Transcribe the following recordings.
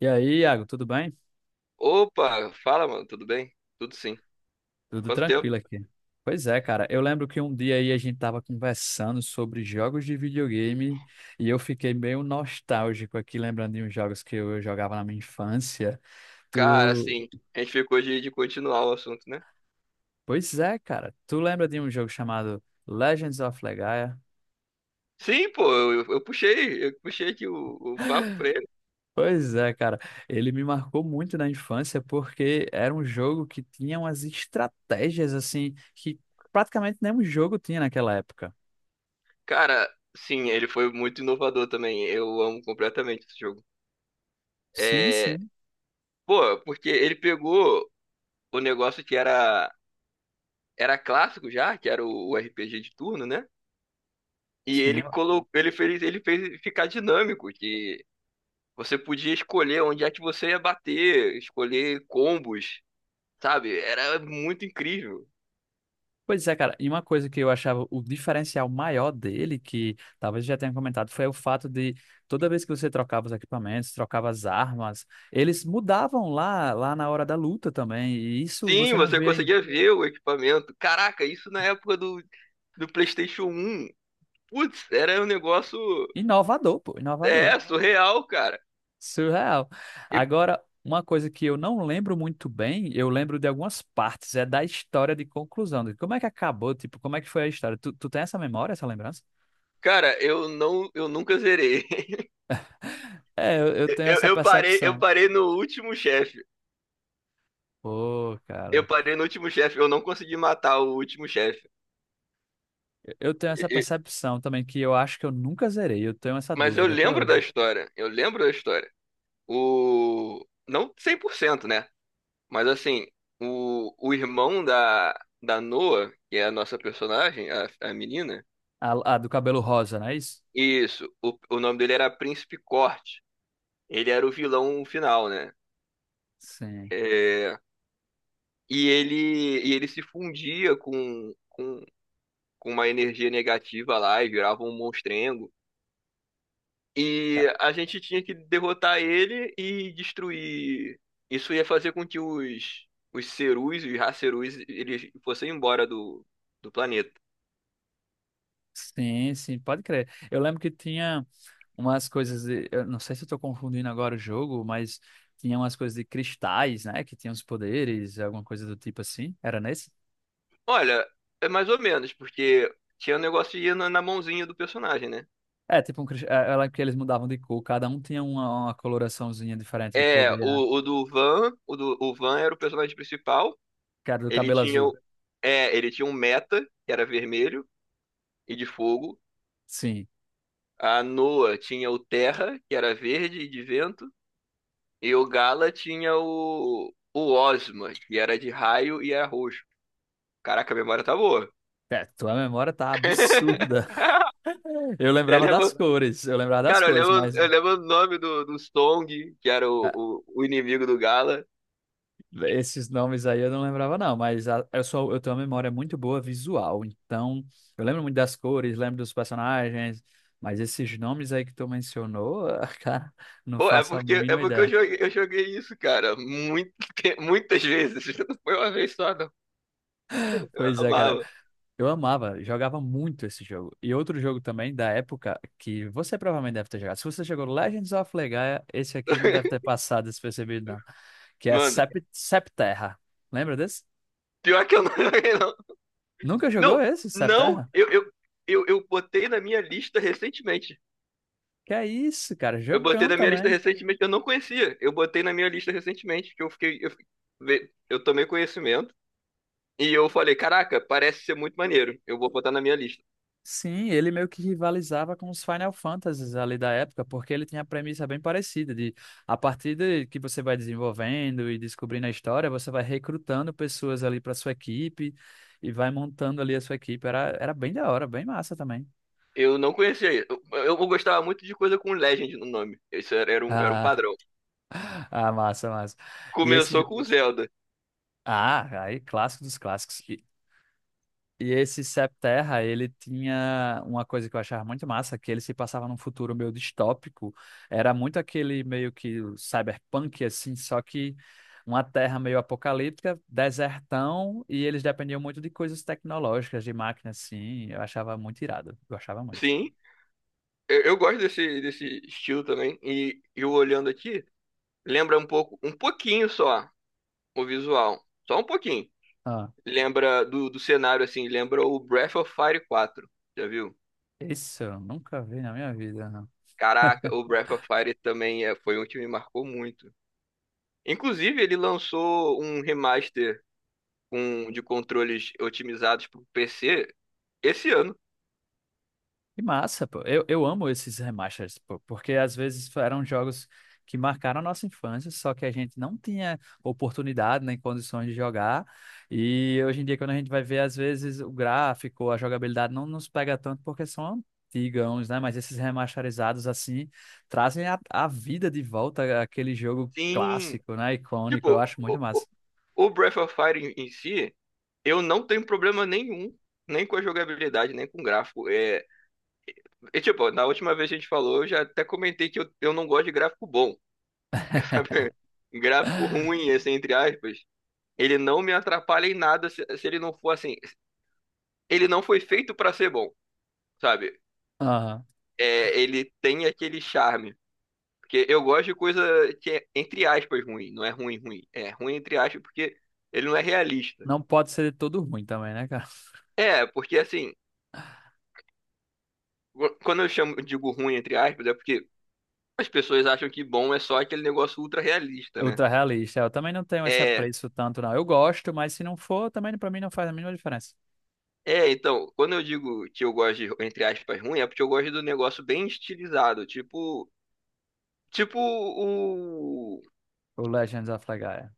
E aí, Iago, tudo bem? Opa, fala, mano, tudo bem? Tudo sim. Tudo Quanto tempo? tranquilo aqui. Pois é, cara. Eu lembro que um dia aí a gente tava conversando sobre jogos de videogame e eu fiquei meio nostálgico aqui, lembrando de uns jogos que eu jogava na minha infância. Cara, Tu. assim, a gente ficou de continuar o assunto, né? Pois é, cara. Tu lembra de um jogo chamado Legends of Legaia? Sim, pô, eu puxei aqui o papo pra ele. Pois é, cara. Ele me marcou muito na infância porque era um jogo que tinha umas estratégias assim que praticamente nenhum jogo tinha naquela época. Cara, sim, ele foi muito inovador também. Eu amo completamente esse jogo. Sim, É, sim. pô, porque ele pegou o negócio que era era clássico já, que era o RPG de turno, né? E Sim. ele colocou, ele fez ficar dinâmico, que você podia escolher onde é que você ia bater, escolher combos, sabe? Era muito incrível. Pois é, cara, e uma coisa que eu achava o diferencial maior dele, que talvez eu já tenha comentado, foi o fato de toda vez que você trocava os equipamentos, trocava as armas, eles mudavam lá, lá na hora da luta também, e isso Sim, você não você vê em- conseguia ver o equipamento. Caraca, isso na época do PlayStation um. Putz, era um negócio, inovador, pô, inovador, é surreal, cara. surreal. E, Agora, uma coisa que eu não lembro muito bem, eu lembro de algumas partes, é da história de conclusão, de como é que acabou, tipo, como é que foi a história? Tu tem essa memória, essa lembrança? cara, eu nunca zerei. É, eu tenho essa eu percepção. parei no último chefe. Pô, Eu cara. parei no último chefe. Eu não consegui matar o último chefe. Eu tenho E- essa e- percepção também, que eu acho que eu nunca zerei. Eu tenho essa mas eu dúvida até lembro da hoje. história. Eu lembro da história. O não cem por cento, né? Mas assim, o irmão da Noa, que é a nossa personagem, a menina, A do cabelo rosa, não é isso? isso, o nome dele era Príncipe Corte. Ele era o vilão final, né? Sim. É, e ele se fundia com uma energia negativa lá e virava um monstrengo. E a gente tinha que derrotar ele e destruir. Isso ia fazer com que os Cerus, os racerus, eles fossem embora do planeta. Sim, sim, pode crer. Eu lembro que tinha umas coisas de, eu não sei se eu tô confundindo agora o jogo, mas tinha umas coisas de cristais, né? Que tinham os poderes, alguma coisa do tipo assim. Era nesse? Olha, é mais ou menos, porque tinha um negócio de ir na mãozinha do personagem, né? É, tipo um cristal. Eu lembro que eles mudavam de cor, cada um tinha uma coloraçãozinha diferente de É, poder, né? O Van era o personagem principal. Que era do Ele cabelo tinha, o- azul. é, ele tinha um Meta, que era vermelho e de fogo. Sim. A Noa tinha o Terra, que era verde e de vento. E o Gala tinha o Ozma, que era de raio e era roxo. Caraca, a memória tá boa. É, tua memória tá absurda. Eu Eu lembrava das lembro, cores, eu lembrava das cara, cores, mas eu lembro o nome do Song, que era ah, o inimigo do Gala. esses nomes aí eu não lembrava não, mas a- eu sou, eu tenho uma memória muito boa visual, então eu lembro muito das cores, lembro dos personagens, mas esses nomes aí que tu mencionou, ah, cara, não Pô, faço a é mínima porque ideia. Eu joguei isso, cara, muito, muitas vezes. Não foi uma vez só, não. Pois Eu é, cara, amava. eu amava, jogava muito esse jogo. E outro jogo também da época que você provavelmente deve ter jogado. Se você jogou Legends of Legaia, esse aqui não deve ter passado despercebido não, que é Mano, Septerra. Lembra desse? pior que eu não joguei, não. Nunca jogou Não, esse, não, Septerra? eu, eu, eu botei na minha lista recentemente. Que é isso, cara, Eu botei jogão na minha lista também. recentemente, eu não conhecia. Eu botei na minha lista recentemente, que eu tomei conhecimento e eu falei, caraca, parece ser muito maneiro. Eu vou botar na minha lista. Sim, ele meio que rivalizava com os Final Fantasies ali da época, porque ele tinha a premissa bem parecida de a partir de que você vai desenvolvendo e descobrindo a história, você vai recrutando pessoas ali para sua equipe e vai montando ali a sua equipe. Era, era bem da hora, bem massa também. Eu não conhecia. Eu gostava muito de coisa com Legend no nome. Isso era, era um Ah, padrão. ah, massa, massa. E esse jo- Começou com Zelda. Ah, aí clássico dos clássicos. E esse Septerra, ele tinha uma coisa que eu achava muito massa, que ele se passava num futuro meio distópico. Era muito aquele meio que cyberpunk, assim, só que uma terra meio apocalíptica, desertão, e eles dependiam muito de coisas tecnológicas, de máquinas, assim. Eu achava muito irado, eu achava muito. Sim, eu gosto desse, desse estilo também. E eu olhando aqui, lembra um pouco, um pouquinho só o visual. Só um pouquinho. Ah, Lembra do cenário, assim, lembra o Breath of Fire quatro. Já viu? isso eu nunca vi na minha vida, não. Caraca, o Breath of Fire também é, foi um que me marcou muito. Inclusive, ele lançou um remaster, com, de controles otimizados para o PC esse ano. Que massa, pô. Eu amo esses remasters, pô, porque às vezes eram jogos que marcaram a nossa infância, só que a gente não tinha oportunidade nem condições de jogar. E hoje em dia, quando a gente vai ver, às vezes o gráfico, a jogabilidade não nos pega tanto porque são antigãos, né? Mas esses remasterizados, assim, trazem a vida de volta àquele jogo Sim, clássico, né? Icônico. Eu tipo, acho muito massa. O Breath of Fire em em si. Eu não tenho problema nenhum, nem com a jogabilidade, nem com o gráfico. É, e, tipo, na última vez que a gente falou, eu já até comentei que eu não gosto de gráfico bom, sabe? Gráfico ruim, assim, entre aspas. Ele não me atrapalha em nada se, se ele não for assim. Ele não foi feito pra ser bom, sabe? Aham. É, ele tem aquele charme. Porque eu gosto de coisa que é, entre aspas, ruim. Não é ruim, ruim. É ruim, entre aspas, porque ele não é realista. Não pode ser todo ruim também, né, cara? É, porque assim, quando eu chamo, digo ruim, entre aspas, é porque as pessoas acham que bom é só aquele negócio ultra realista, né? Ultra realista. Eu também não tenho esse É, apreço tanto, não. Eu gosto, mas se não for, também pra mim não faz a mínima diferença. é, então, quando eu digo que eu gosto de, entre aspas, ruim, é porque eu gosto do negócio bem estilizado, tipo, tipo o... O Legends of Legaia.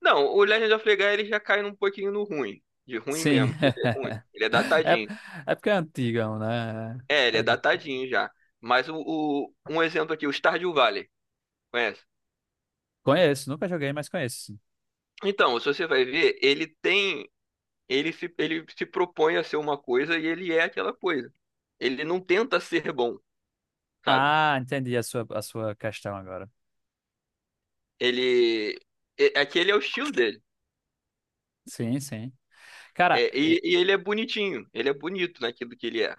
Não, o Legend of Legaia, ele já cai num pouquinho no ruim, de ruim Sim. mesmo, que ele é ruim, ele é É, datadinho. é porque é antigão, né? É, ele é De- datadinho já. Mas um exemplo aqui, o Stardew Valley, conhece? conheço, nunca joguei, mas conheço, sim. Então, se você vai ver, ele tem, ele se propõe a ser uma coisa e ele é aquela coisa. Ele não tenta ser bom, sabe? Ah, entendi a sua questão agora. Ele. Aquele é o estilo dele. Sim, sim. Cara, É, e ele é bonitinho. Ele é bonito naquilo que ele é.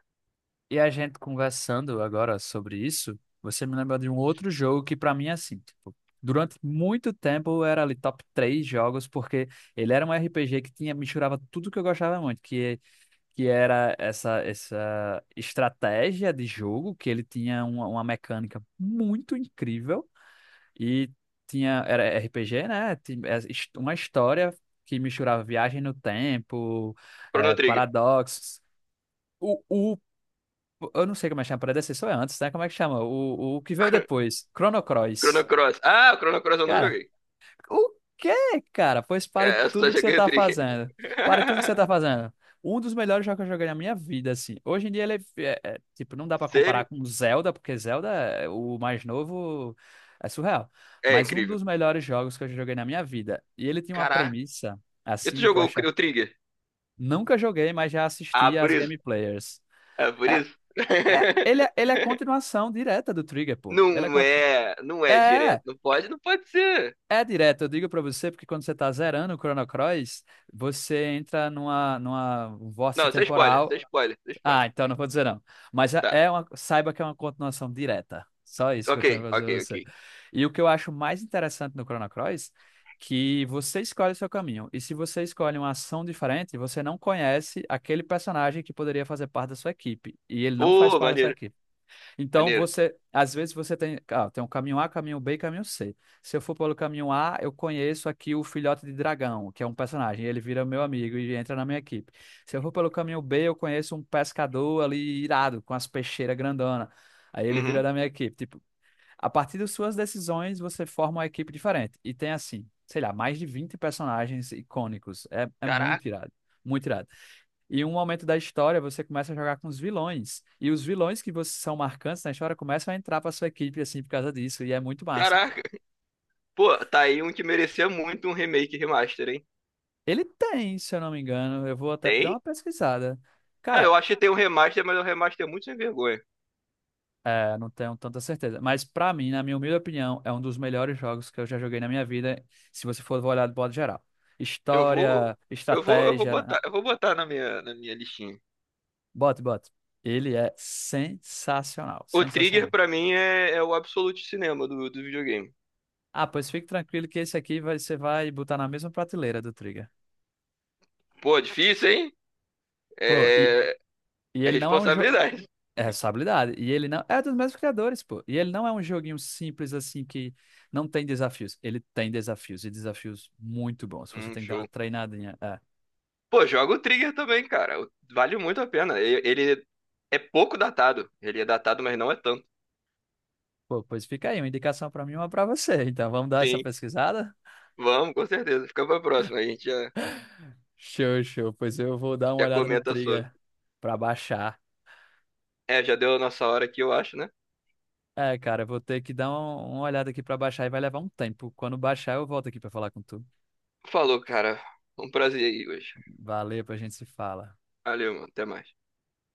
e a gente conversando agora sobre isso, você me lembra de um outro jogo que pra mim é assim, tipo, durante muito tempo era ali top três jogos, porque ele era um RPG que tinha, misturava tudo que eu gostava muito, que era essa, essa estratégia de jogo, que ele tinha uma mecânica muito incrível e tinha, era RPG, né? Tinha é, his- uma história que misturava viagem no tempo, Chrono Trigger. paradoxos. O, eu não sei como é que chama, predecessor é antes, né? Como é que chama? O que veio depois? Chrono Cross. Chrono Cross. Ah, o Chrono Cross eu não Cara, joguei. o quê, cara? Pois pare É, eu só tudo que você joguei o tá Trigger. fazendo. Pare tudo que você tá fazendo. Um dos melhores jogos que eu joguei na minha vida, assim. Hoje em dia ele é, é- é, tipo, não dá pra comparar Sério? com Zelda, porque Zelda, é- o mais novo, é surreal. É Mas um incrível. dos melhores jogos que eu já joguei na minha vida. E ele tem uma Caraca. premissa, E tu assim, que eu jogou o, acho. O Trigger? Nunca joguei, mas já Ah, assisti por às isso. gameplayers. É por isso. É, ele, é- ele é continuação direta do Trigger, pô. Ele é, Não é, não é, é direto. é Não pode ser. é direto. Eu digo pra você, porque quando você tá zerando o Chrono Cross, você entra numa, numa Não, vórtice você é spoiler, isso temporal. é spoiler, isso é spoiler. Ah, então não vou dizer não. Mas é Tá. é uma, saiba que é uma continuação direta. Só isso que eu tenho pra dizer pra Ok. você. E o que eu acho mais interessante no Chrono Cross, que você escolhe o seu caminho. E se você escolhe uma ação diferente, você não conhece aquele personagem que poderia fazer parte da sua equipe. E ele não faz Pô, parte da sua maneiro, equipe. Então maneiro. você, às vezes você tem, ah, tem um caminho A, caminho B e caminho C. Se eu for pelo caminho A, eu conheço aqui o filhote de dragão, que é um personagem, ele vira meu amigo e entra na minha equipe. Se eu for pelo caminho B, eu conheço um pescador ali irado, com as peixeiras grandona. Aí ele vira Uhum. da minha equipe. Tipo, a partir das suas decisões, você forma uma equipe diferente. E tem assim, sei lá, mais de 20 personagens icônicos. É, é muito Caraca, irado, muito irado. E em um momento da história, você começa a jogar com os vilões. E os vilões que você são marcantes na história começam a entrar pra sua equipe, assim, por causa disso. E é muito massa, pô. caraca. Pô, tá aí um que merecia muito um remake e remaster, hein? Ele tem, se eu não me engano, eu vou até dar Tem? uma pesquisada. Ah, Cara, eu acho que tem um remaster, mas o remaster é muito sem vergonha. é, não tenho tanta certeza. Mas pra mim, na minha humilde opinião, é um dos melhores jogos que eu já joguei na minha vida, se você for olhar de modo geral. Eu vou, História, estratégia, na- eu vou botar na minha listinha. bote, bote. Ele é sensacional, O Trigger sensacional. pra mim é o absolute cinema do videogame. Ah, pois fique tranquilo que esse aqui vai- você vai botar na mesma prateleira do Trigger. Pô, difícil, hein? Pô, É, e é ele não é um jogo. responsabilidade. É responsabilidade. E ele não. É dos mesmos criadores, pô. E ele não é um joguinho simples assim que não tem desafios. Ele tem desafios e desafios muito bons. Você tem que dar uma Show. treinadinha. É. Pô, joga o Trigger também, cara. Vale muito a pena. Ele é pouco datado. Ele é datado, mas não é tanto. Pô, pois fica aí, uma indicação pra mim e uma pra você. Então vamos dar essa Sim, pesquisada? vamos, com certeza. Fica pra próxima. A gente já, Show, show. Pois eu vou dar uma já olhada no comenta sobre. Trigger pra baixar. É, já deu a nossa hora aqui, eu acho, né? É, cara, eu vou ter que dar uma olhada aqui pra baixar e vai levar um tempo. Quando baixar, eu volto aqui pra falar com tu. Falou, cara. Um prazer aí hoje. Valeu, a gente se fala. Valeu, mano. Até mais.